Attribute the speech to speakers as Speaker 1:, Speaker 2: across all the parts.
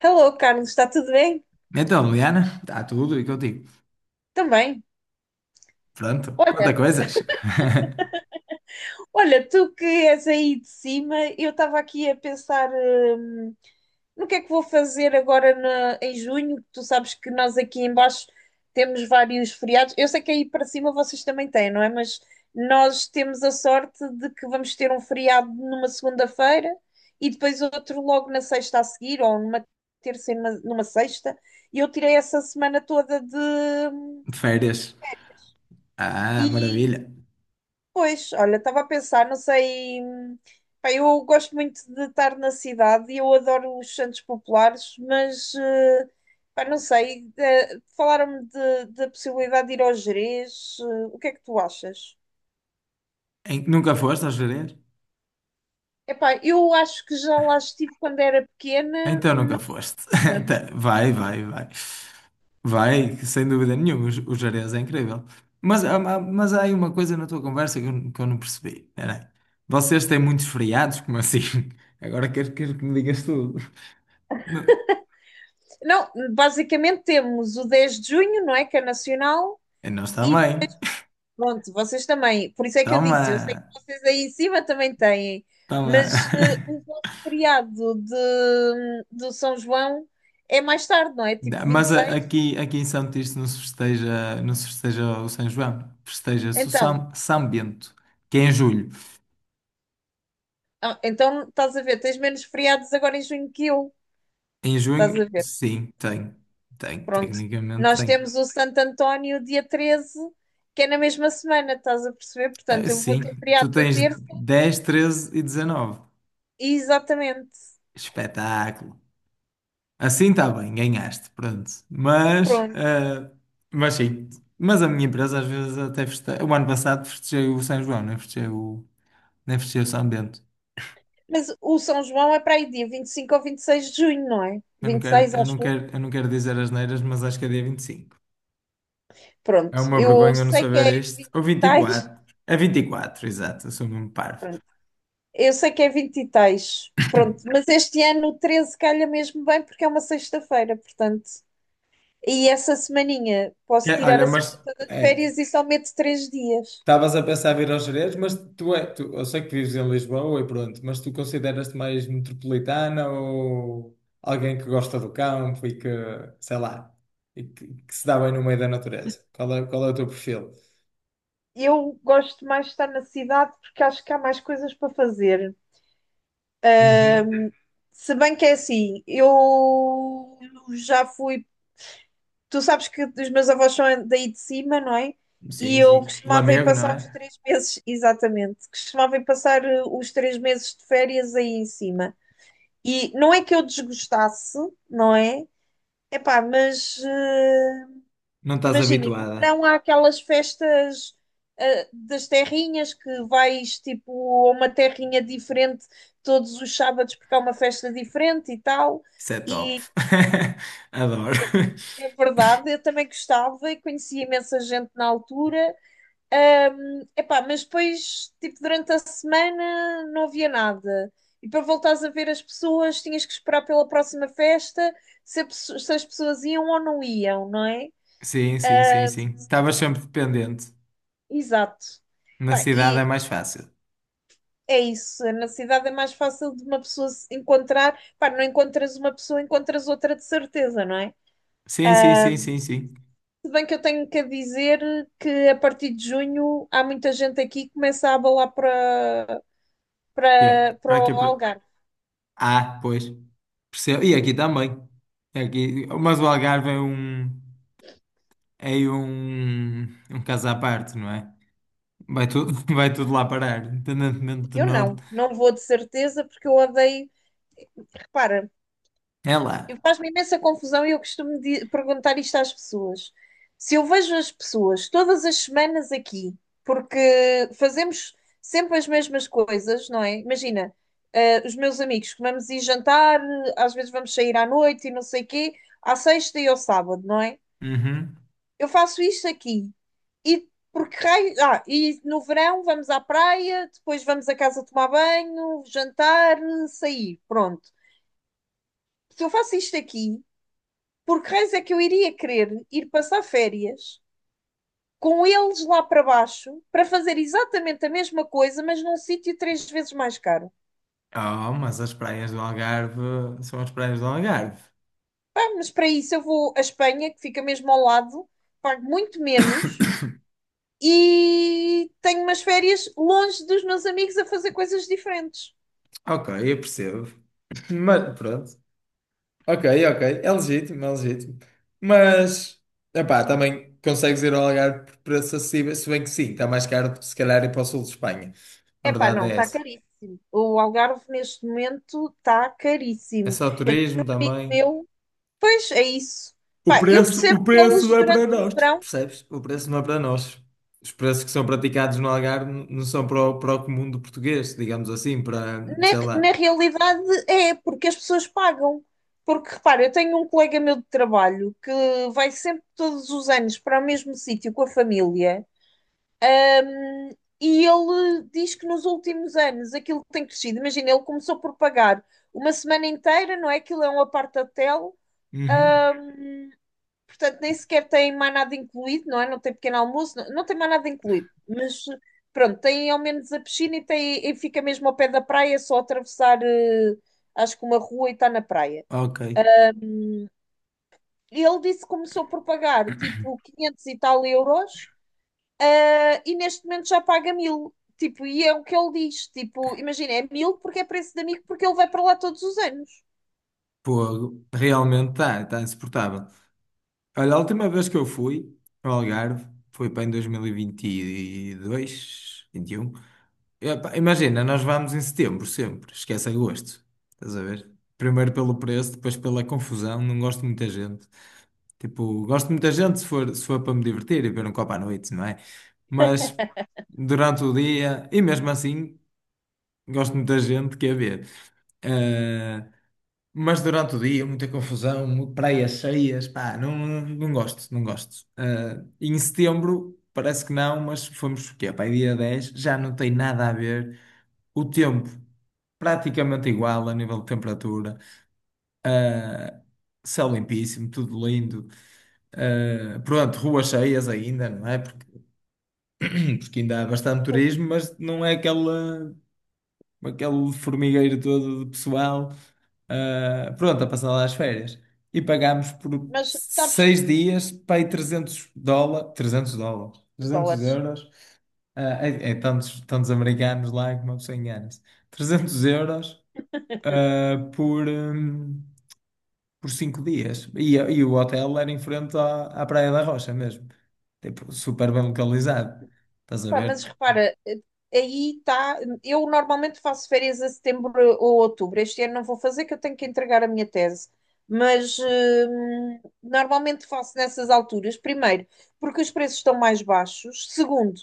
Speaker 1: Hello, Carlos, está tudo bem?
Speaker 2: Então, Liana, está tudo e contigo.
Speaker 1: Também.
Speaker 2: Pronto, quanta
Speaker 1: Olha,
Speaker 2: coisas.
Speaker 1: olha, tu que és aí de cima, eu estava aqui a pensar, no que é que vou fazer agora em junho, que tu sabes que nós aqui em baixo temos vários feriados. Eu sei que aí para cima vocês também têm, não é? Mas nós temos a sorte de que vamos ter um feriado numa segunda-feira e depois outro logo na sexta a seguir, ou numa terça e numa sexta. E eu tirei essa semana toda de... hum,
Speaker 2: De férias. Ah,
Speaker 1: E
Speaker 2: maravilha.
Speaker 1: Pois, olha, estava a pensar, não sei. Pá, eu gosto muito de estar na cidade e eu adoro os santos populares, mas pá, não sei. Falaram-me da possibilidade de ir ao Gerês. O que é que tu achas?
Speaker 2: Nunca foste às férias?
Speaker 1: Epá, eu acho que já lá estive quando era pequena,
Speaker 2: Então
Speaker 1: mas
Speaker 2: nunca foste.
Speaker 1: não me lembro.
Speaker 2: Tá, vai, vai, vai. Vai, sem dúvida nenhuma, os Jerez é incrível. Mas há aí uma coisa na tua conversa que eu não percebi. Espera aí. Vocês têm muitos feriados, como assim? Agora quero que me digas tudo. Não-
Speaker 1: Não, basicamente temos o 10 de junho, não é? Que é nacional.
Speaker 2: Nós
Speaker 1: e
Speaker 2: também.
Speaker 1: Pronto, vocês também. Por isso é que eu
Speaker 2: Toma,
Speaker 1: disse, eu sei que vocês aí em cima também têm,
Speaker 2: toma.
Speaker 1: mas o vosso feriado do São João é mais tarde, não é? Tipo
Speaker 2: Da- Mas a-
Speaker 1: 26?
Speaker 2: aqui, aqui em São Tirso não se festeja o São João, festeja-se o
Speaker 1: Então,
Speaker 2: São Bento, que é em julho.
Speaker 1: então, estás a ver, tens menos feriados agora em junho que eu.
Speaker 2: Em
Speaker 1: Estás a
Speaker 2: junho,
Speaker 1: ver?
Speaker 2: sim, tem,
Speaker 1: Pronto.
Speaker 2: tecnicamente
Speaker 1: Nós
Speaker 2: tem.
Speaker 1: temos o Santo António dia 13, que é na mesma semana, estás a perceber?
Speaker 2: Ah,
Speaker 1: Portanto, eu vou ter
Speaker 2: sim, tu
Speaker 1: feriado na
Speaker 2: tens
Speaker 1: terça,
Speaker 2: 10, 13 e 19.
Speaker 1: exatamente.
Speaker 2: Espetáculo. Assim está bem, ganhaste, pronto. Mas,
Speaker 1: Pronto.
Speaker 2: ah, mas sim, mas a minha empresa às vezes até festeja. O ano passado festejei o São João, não festejei o São Bento.
Speaker 1: Mas o São João é para aí dia 25 ou 26 de junho, não é?
Speaker 2: Eu não
Speaker 1: Vinte e
Speaker 2: quero,
Speaker 1: seis,
Speaker 2: eu não
Speaker 1: acho.
Speaker 2: quero, eu não quero dizer as neiras, mas acho que é dia 25. É
Speaker 1: Pronto,
Speaker 2: uma vergonha eu não saber este. Ou vinte e
Speaker 1: tais,
Speaker 2: quatro É 24, exato, eu sou mesmo parvo.
Speaker 1: pronto, eu sei que é 20 e tais, pronto, mas este ano o 13 calha mesmo bem porque é uma sexta-feira, portanto. E essa semaninha
Speaker 2: É,
Speaker 1: posso tirar
Speaker 2: olha,
Speaker 1: a
Speaker 2: mas
Speaker 1: semana toda de
Speaker 2: é,
Speaker 1: férias e só meto 3 dias.
Speaker 2: estavas a pensar vir aos Jerez, mas tu, eu sei que vives em Lisboa e pronto, mas tu consideras-te mais metropolitana ou alguém que gosta do campo e que, sei lá, e que se dá bem no meio da natureza? Qual é o teu perfil?
Speaker 1: Eu gosto mais de estar na cidade porque acho que há mais coisas para fazer.
Speaker 2: Uhum.
Speaker 1: Se bem que é assim, eu já fui tu sabes que os meus avós são daí de cima, não é? E
Speaker 2: Sim,
Speaker 1: eu
Speaker 2: sim.
Speaker 1: costumava ir
Speaker 2: Lamego, não
Speaker 1: passar os
Speaker 2: é?
Speaker 1: 3 meses, exatamente, costumava ir passar os 3 meses de férias aí em cima. E não é que eu desgostasse, não é? Epá, mas
Speaker 2: Não estás
Speaker 1: imagina, no
Speaker 2: habituada.
Speaker 1: verão há aquelas festas das terrinhas que vais tipo a uma terrinha diferente todos os sábados porque há uma festa diferente e tal.
Speaker 2: Isso é top. Adoro.
Speaker 1: É verdade, eu também gostava e conhecia imensa gente na altura. Epá, mas depois, tipo, durante a semana não havia nada. E para voltares a ver as pessoas, tinhas que esperar pela próxima festa, se as pessoas iam ou não iam, não é?
Speaker 2: Sim, sim, sim, sim. Estavas sempre dependente.
Speaker 1: Exato.
Speaker 2: Na
Speaker 1: Pá,
Speaker 2: cidade
Speaker 1: e
Speaker 2: é mais fácil.
Speaker 1: é isso, na cidade é mais fácil de uma pessoa se encontrar. Pá, não encontras uma pessoa, encontras outra de certeza, não é?
Speaker 2: Sim, sim, sim, sim, sim.
Speaker 1: Se bem que eu tenho que dizer que a partir de junho há muita gente aqui que começa a abalar para
Speaker 2: Yeah.
Speaker 1: para, para o Algarve.
Speaker 2: Ah, pois. Percebo. E aqui também. Mas o Algarve é um. É um. Um caso à parte, não é? Vai tudo, vai tudo lá parar, independentemente do
Speaker 1: Eu não,
Speaker 2: norte.
Speaker 1: não vou de certeza porque eu odeio. Repara,
Speaker 2: É lá.
Speaker 1: faz-me imensa confusão e eu costumo perguntar isto às pessoas. Se eu vejo as pessoas todas as semanas aqui, porque fazemos sempre as mesmas coisas, não é? Imagina, os meus amigos, vamos ir jantar, às vezes vamos sair à noite e não sei quê, à sexta e ao sábado, não é?
Speaker 2: Uhum.
Speaker 1: Eu faço isto aqui. E porque raio. Ah, e no verão vamos à praia, depois vamos a casa tomar banho, jantar, sair. Pronto. Se eu faço isto aqui, porque raios é que eu iria querer ir passar férias com eles lá para baixo para fazer exatamente a mesma coisa, mas num sítio três vezes mais caro?
Speaker 2: Oh, mas as praias do Algarve são as praias do Algarve.
Speaker 1: Pá, mas para isso eu vou à Espanha, que fica mesmo ao lado, pago muito menos e tenho umas férias longe dos meus amigos a fazer coisas diferentes.
Speaker 2: Ok, eu percebo. Mas pronto. Ok, ok. É legítimo, é legítimo. Mas, epá, também consegues ir ao Algarve por preço acessível, se bem que sim, está mais caro do que se calhar ir para o sul de Espanha. A
Speaker 1: Epá,
Speaker 2: verdade
Speaker 1: não,
Speaker 2: é
Speaker 1: está
Speaker 2: essa.
Speaker 1: caríssimo. O Algarve neste momento está
Speaker 2: É
Speaker 1: caríssimo.
Speaker 2: só
Speaker 1: Eu,
Speaker 2: turismo também.
Speaker 1: eu- pois é isso.
Speaker 2: O
Speaker 1: Pá, eu
Speaker 2: preço,
Speaker 1: percebo
Speaker 2: o
Speaker 1: que
Speaker 2: preço
Speaker 1: eles
Speaker 2: não é
Speaker 1: durante
Speaker 2: para
Speaker 1: o
Speaker 2: nós,
Speaker 1: verão,
Speaker 2: percebes? O preço não é para nós. Os preços que são praticados no Algarve não são para o comum do português, digamos assim, para, sei
Speaker 1: na
Speaker 2: lá.
Speaker 1: realidade é porque as pessoas pagam. Porque repara, eu tenho um colega meu de trabalho que vai sempre todos os anos para o mesmo sítio com a família e ele diz que nos últimos anos aquilo tem crescido. Imagina, ele começou por pagar uma semana inteira, não é? Aquilo é um apart-hotel,
Speaker 2: Uhum.
Speaker 1: portanto nem sequer tem mais nada incluído, não é? Não tem pequeno almoço, não, não tem mais nada incluído, mas pronto, tem ao menos a piscina e fica mesmo ao pé da praia, é só atravessar, acho que uma rua e está na praia.
Speaker 2: Ok.
Speaker 1: E ele disse que começou por pagar tipo 500 e tal euros, ah, e neste momento já paga mil. Tipo, e é o que ele diz. Tipo, imagina, é mil porque é preço de amigo, porque ele vai para lá todos os anos.
Speaker 2: Pô, realmente está insuportável. Olha, a última vez que eu fui ao Algarve foi para em 2022, 21. E, 22, 21. E, pá, imagina, nós vamos em setembro sempre, esquece agosto. Estás a ver? Primeiro pelo preço, depois pela confusão, não gosto de muita gente. Tipo, gosto de muita gente se for para me divertir e ver um copo à noite, não é? Mas durante o dia, e mesmo assim, gosto de muita gente, quer ver. Ah, mas durante o dia, muita confusão, praias cheias, pá, não, não gosto, não gosto. Ah, em setembro, parece que não, mas fomos, o quê? Pá, aí dia 10 já não tem nada a ver. O tempo, praticamente igual a nível de temperatura, céu limpíssimo, tudo lindo. Ah, pronto, ruas cheias ainda, não é? Porque ainda há bastante turismo, mas não é aquela aquele formigueiro todo de pessoal, pronto, a passar lá as férias. E pagámos por
Speaker 1: Mas sabes
Speaker 2: 6 dias, pai, trezentos dólares,
Speaker 1: que
Speaker 2: 300
Speaker 1: dólares.
Speaker 2: euros, ah, é tantos, tantos americanos lá que uma pessoa engana-se, 300 euros, ah, por 5 dias. E o hotel era em frente à Praia da Rocha mesmo, tipo, super bem localizado. Estás a
Speaker 1: Pá,
Speaker 2: ver?
Speaker 1: mas repara, aí está. Eu normalmente faço férias a setembro ou outubro. Este ano não vou fazer, que eu tenho que entregar a minha tese. Mas normalmente faço nessas alturas. Primeiro, porque os preços estão mais baixos. Segundo,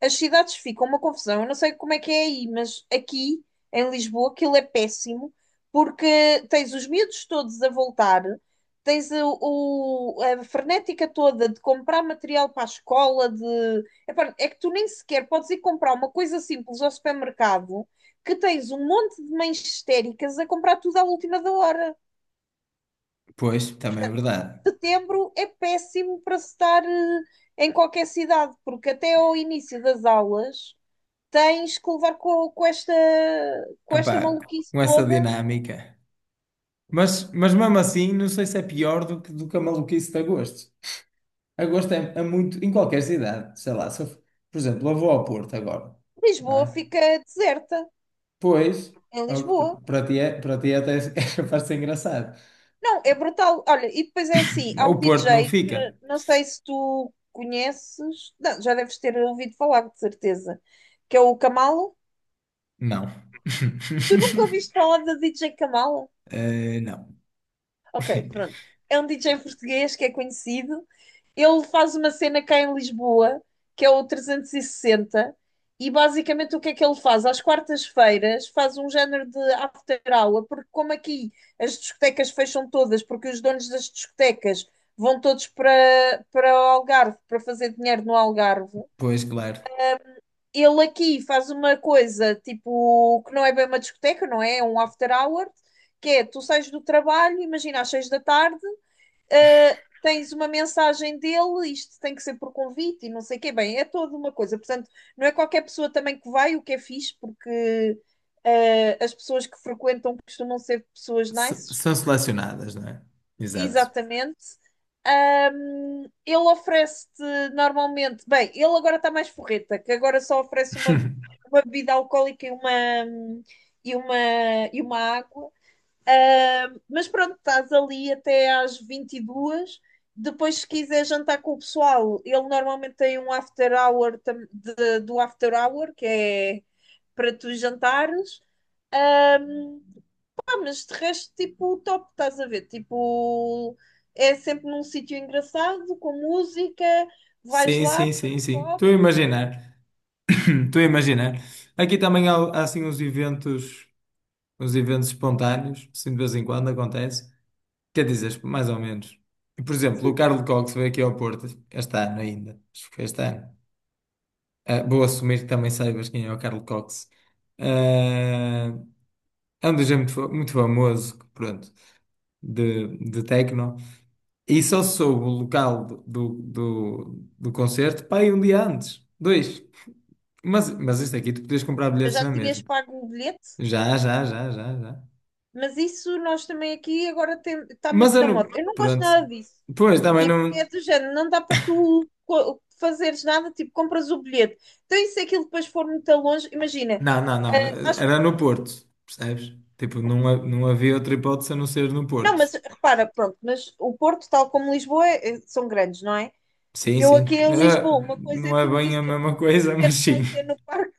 Speaker 1: as cidades ficam uma confusão. Eu não sei como é que é aí, mas aqui em Lisboa aquilo é péssimo, porque tens os miúdos todos a voltar. Tens a frenética toda de comprar material para a escola. De Epá, é que tu nem sequer podes ir comprar uma coisa simples ao supermercado que tens um monte de mães histéricas a comprar tudo à última da hora.
Speaker 2: Pois, também é verdade.
Speaker 1: Setembro é péssimo para se estar em qualquer cidade, porque até ao início das aulas tens que levar com esta
Speaker 2: Epá,
Speaker 1: maluquice
Speaker 2: com essa
Speaker 1: toda.
Speaker 2: dinâmica. Mas mesmo assim, não sei se é pior do que a maluquice de agosto. Agosto é muito, em qualquer cidade, sei lá, se eu, f- por exemplo, eu vou ao Porto agora, não
Speaker 1: Lisboa
Speaker 2: é?
Speaker 1: fica deserta,
Speaker 2: Pois,
Speaker 1: em
Speaker 2: ao que p-
Speaker 1: Lisboa.
Speaker 2: para ti, é, para ti até é capaz de ser engraçado.
Speaker 1: Não, é brutal. Olha, e depois é assim, há
Speaker 2: O
Speaker 1: um
Speaker 2: Porto não
Speaker 1: DJ
Speaker 2: fica?
Speaker 1: que não sei se tu conheces, não, já deves ter ouvido falar, de certeza, que é o Camalo.
Speaker 2: Não.
Speaker 1: Tu nunca ouviste falar da DJ Camalo?
Speaker 2: Não.
Speaker 1: Ok, pronto. É um DJ português que é conhecido, ele faz uma cena cá em Lisboa, que é o 360, e sessenta, e basicamente o que é que ele faz? Às quartas-feiras faz um género de after hour, porque como aqui as discotecas fecham todas, porque os donos das discotecas vão todos para, o Algarve, para fazer dinheiro no Algarve,
Speaker 2: Pois, claro.
Speaker 1: ele aqui faz uma coisa, tipo, que não é bem uma discoteca, não é? É um after hour, que é, tu sais do trabalho, imagina às 6 da tarde, tens uma mensagem dele, isto tem que ser por convite e não sei o quê. Bem, é toda uma coisa. Portanto, não é qualquer pessoa também que vai, o que é fixe, porque as pessoas que frequentam costumam ser pessoas
Speaker 2: S-
Speaker 1: nice.
Speaker 2: são selecionadas, não é? Exato.
Speaker 1: Exatamente. Ele oferece-te normalmente. Bem, ele agora está mais forreta, que agora só oferece uma, uma bebida alcoólica e e, uma, uma água. Mas pronto, estás ali até às 22. Depois, se quiser jantar com o pessoal, ele normalmente tem um after hour do after hour, que é para tu jantares. Ah, mas de resto, tipo, top, estás a ver? Tipo, é sempre num sítio engraçado, com música, vais
Speaker 2: Sim,
Speaker 1: lá,
Speaker 2: sim,
Speaker 1: beber
Speaker 2: sim,
Speaker 1: um
Speaker 2: sim. Estou a
Speaker 1: copo.
Speaker 2: imaginar. Estou a imaginar. Aqui também há assim uns eventos. Os eventos espontâneos, assim de vez em quando acontece. Quer dizer, mais ou menos. E, por exemplo, o Carlos Cox veio aqui ao Porto, este ano ainda. Acho que foi este ano. Ah, vou assumir que também saibas quem é o Carlos Cox. Ah, é um DJ muito famoso, pronto, de techno. E só soube o local do concerto, pá, aí um dia antes. Dois. Mas isto aqui, tu podias comprar
Speaker 1: Eu
Speaker 2: bilhetes
Speaker 1: já
Speaker 2: na
Speaker 1: tinhas
Speaker 2: mesma.
Speaker 1: pago o bilhete,
Speaker 2: Já, já, já, já, já.
Speaker 1: mas isso nós também aqui agora está
Speaker 2: Mas
Speaker 1: muito
Speaker 2: eu
Speaker 1: na moda.
Speaker 2: não.
Speaker 1: Eu não gosto
Speaker 2: Pronto.
Speaker 1: nada disso.
Speaker 2: Pois, também
Speaker 1: Tipo, que
Speaker 2: não.
Speaker 1: é do género, não dá para tu fazeres nada, tipo, compras o bilhete. Então, e se aquilo depois for muito longe, imagina,
Speaker 2: Não, não, não.
Speaker 1: acho,
Speaker 2: Era no Porto, percebes? Tipo, não, não havia outra hipótese a não ser no
Speaker 1: não, mas
Speaker 2: Porto.
Speaker 1: repara, pronto, mas o Porto, tal como Lisboa, são grandes, não é?
Speaker 2: Sim,
Speaker 1: Eu aqui
Speaker 2: sim.
Speaker 1: em Lisboa,
Speaker 2: Ah,
Speaker 1: uma coisa é
Speaker 2: não é
Speaker 1: tu me
Speaker 2: bem a
Speaker 1: dizeres,
Speaker 2: mesma
Speaker 1: ah, o
Speaker 2: coisa, mas
Speaker 1: concerto vai
Speaker 2: sim.
Speaker 1: ser no Parque.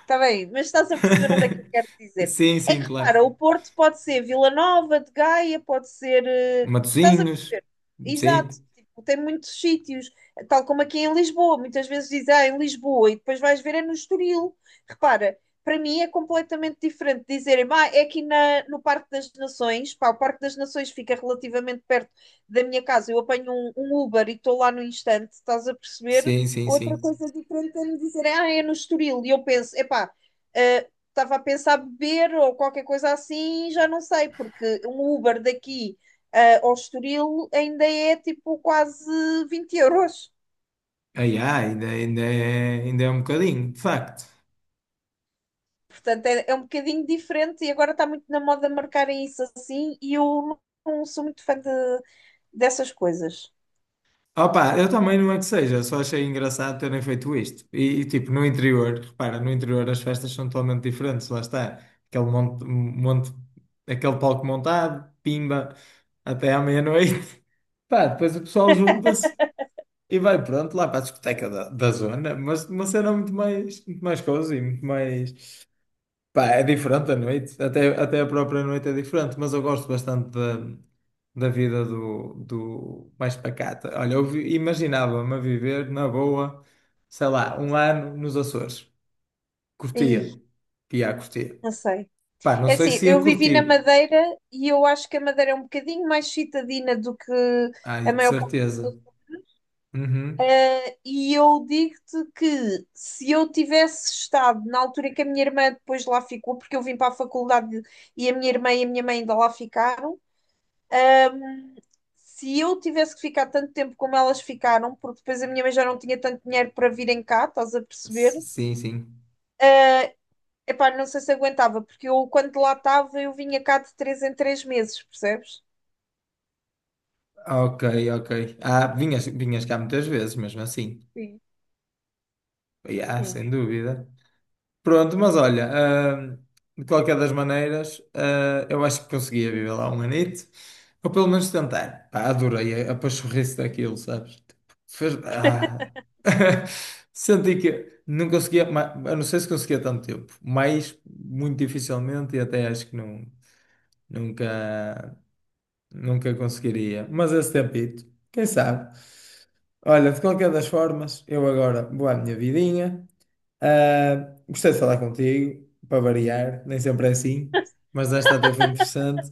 Speaker 1: Está bem, mas estás a perceber onde é que eu quero dizer.
Speaker 2: Sim,
Speaker 1: É
Speaker 2: sim,
Speaker 1: que
Speaker 2: claro.
Speaker 1: repara, o Porto pode ser Vila Nova, de Gaia, pode ser. Estás a
Speaker 2: Matosinhos.
Speaker 1: perceber? Exato,
Speaker 2: Sim,
Speaker 1: tipo, tem muitos sítios, tal como aqui em Lisboa. Muitas vezes dizem, ah, em Lisboa, e depois vais ver é no Estoril. Repara, para mim é completamente diferente dizerem, ah, é aqui no Parque das Nações. Pá, o Parque das Nações fica relativamente perto da minha casa. Eu apanho um Uber e estou lá no instante, estás a perceber?
Speaker 2: sim, sim,
Speaker 1: Outra
Speaker 2: sim.
Speaker 1: coisa diferente é me dizer, ah, é no Estoril. E eu penso, epá, ah, estava a pensar beber ou qualquer coisa assim, já não sei, porque um Uber daqui ah, ao Estoril ainda é tipo quase 20 euros.
Speaker 2: Ai, ai, ainda é um bocadinho, de facto.
Speaker 1: Portanto, é um bocadinho diferente e agora está muito na moda marcarem isso assim e eu não sou muito fã de dessas coisas.
Speaker 2: Opa, eu também não é que seja, só achei engraçado terem feito isto. E, tipo, no interior, repara, no interior as festas são totalmente diferentes, lá está. Aquele monte, monte, aquele palco montado, pimba, até à meia-noite. Pá, depois o pessoal junta-se e vai pronto lá para a discoteca da zona, mas uma cena muito mais cozy, muito mais. Pá, é diferente a noite, até a própria noite é diferente, mas eu gosto bastante da vida do mais pacata. Olha, eu imaginava-me a viver na boa, sei lá, um ano nos Açores.
Speaker 1: Ih,
Speaker 2: Curtia, ia a curtir.
Speaker 1: não sei.
Speaker 2: Pá, não
Speaker 1: É
Speaker 2: sei
Speaker 1: assim,
Speaker 2: se ia
Speaker 1: eu vivi na
Speaker 2: curtir.
Speaker 1: Madeira e eu acho que a Madeira é um bocadinho mais citadina do que a
Speaker 2: Ai, de
Speaker 1: maior parte.
Speaker 2: certeza. Uhum.
Speaker 1: E eu digo-te que se eu tivesse estado na altura em que a minha irmã depois lá ficou, porque eu vim para a faculdade e a minha irmã e a minha mãe ainda lá ficaram, se eu tivesse que ficar tanto tempo como elas ficaram, porque depois a minha mãe já não tinha tanto dinheiro para virem cá, estás a
Speaker 2: S-
Speaker 1: perceber?
Speaker 2: Sim, sim.
Speaker 1: Epá, não sei se aguentava, porque eu quando lá estava eu vinha cá de 3 em 3 meses, percebes?
Speaker 2: Ok, ok. Ah, vinhas cá muitas vezes, mesmo assim.
Speaker 1: Sim,
Speaker 2: Ah,
Speaker 1: sim.
Speaker 2: sem dúvida. Pronto, mas olha, ah, de qualquer das maneiras, eu acho que conseguia viver lá um anito, ou pelo menos tentar. Pá, adorei a pachorrice daquilo, sabes? Tipo, Fez, ah. Senti que não conseguia, eu não sei se conseguia tanto tempo, mas muito dificilmente e até acho que não, nunca, nunca conseguiria. Mas esse tempito, quem sabe? Olha, de qualquer das formas, eu agora vou à minha vidinha. Ah, gostei de falar contigo, para variar, nem sempre é assim, mas esta até foi interessante.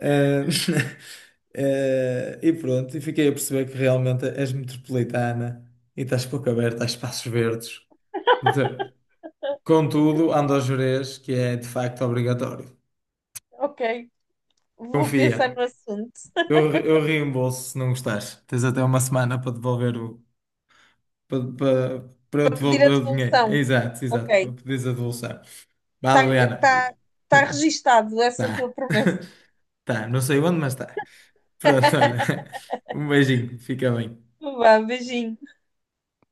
Speaker 2: Ah, e pronto, e fiquei a perceber que realmente és metropolitana e estás pouco aberta a espaços verdes. De- Contudo, ando a jurez que é de facto obrigatório.
Speaker 1: Ok, vou pensar
Speaker 2: Confia,
Speaker 1: no assunto
Speaker 2: eu reembolso se não gostares. Tens até uma semana para devolver o. para, para, para eu
Speaker 1: para pedir a
Speaker 2: devolver o dinheiro.
Speaker 1: devolução.
Speaker 2: Exato, exato, para
Speaker 1: Ok,
Speaker 2: pedires a devolução. Vá,
Speaker 1: está
Speaker 2: Liliana.
Speaker 1: tá, tá registado essa tua
Speaker 2: Tá,
Speaker 1: promessa.
Speaker 2: tá, não sei onde, mas tá. Pronto, olha. Um beijinho, fica bem.
Speaker 1: Vá, beijinho.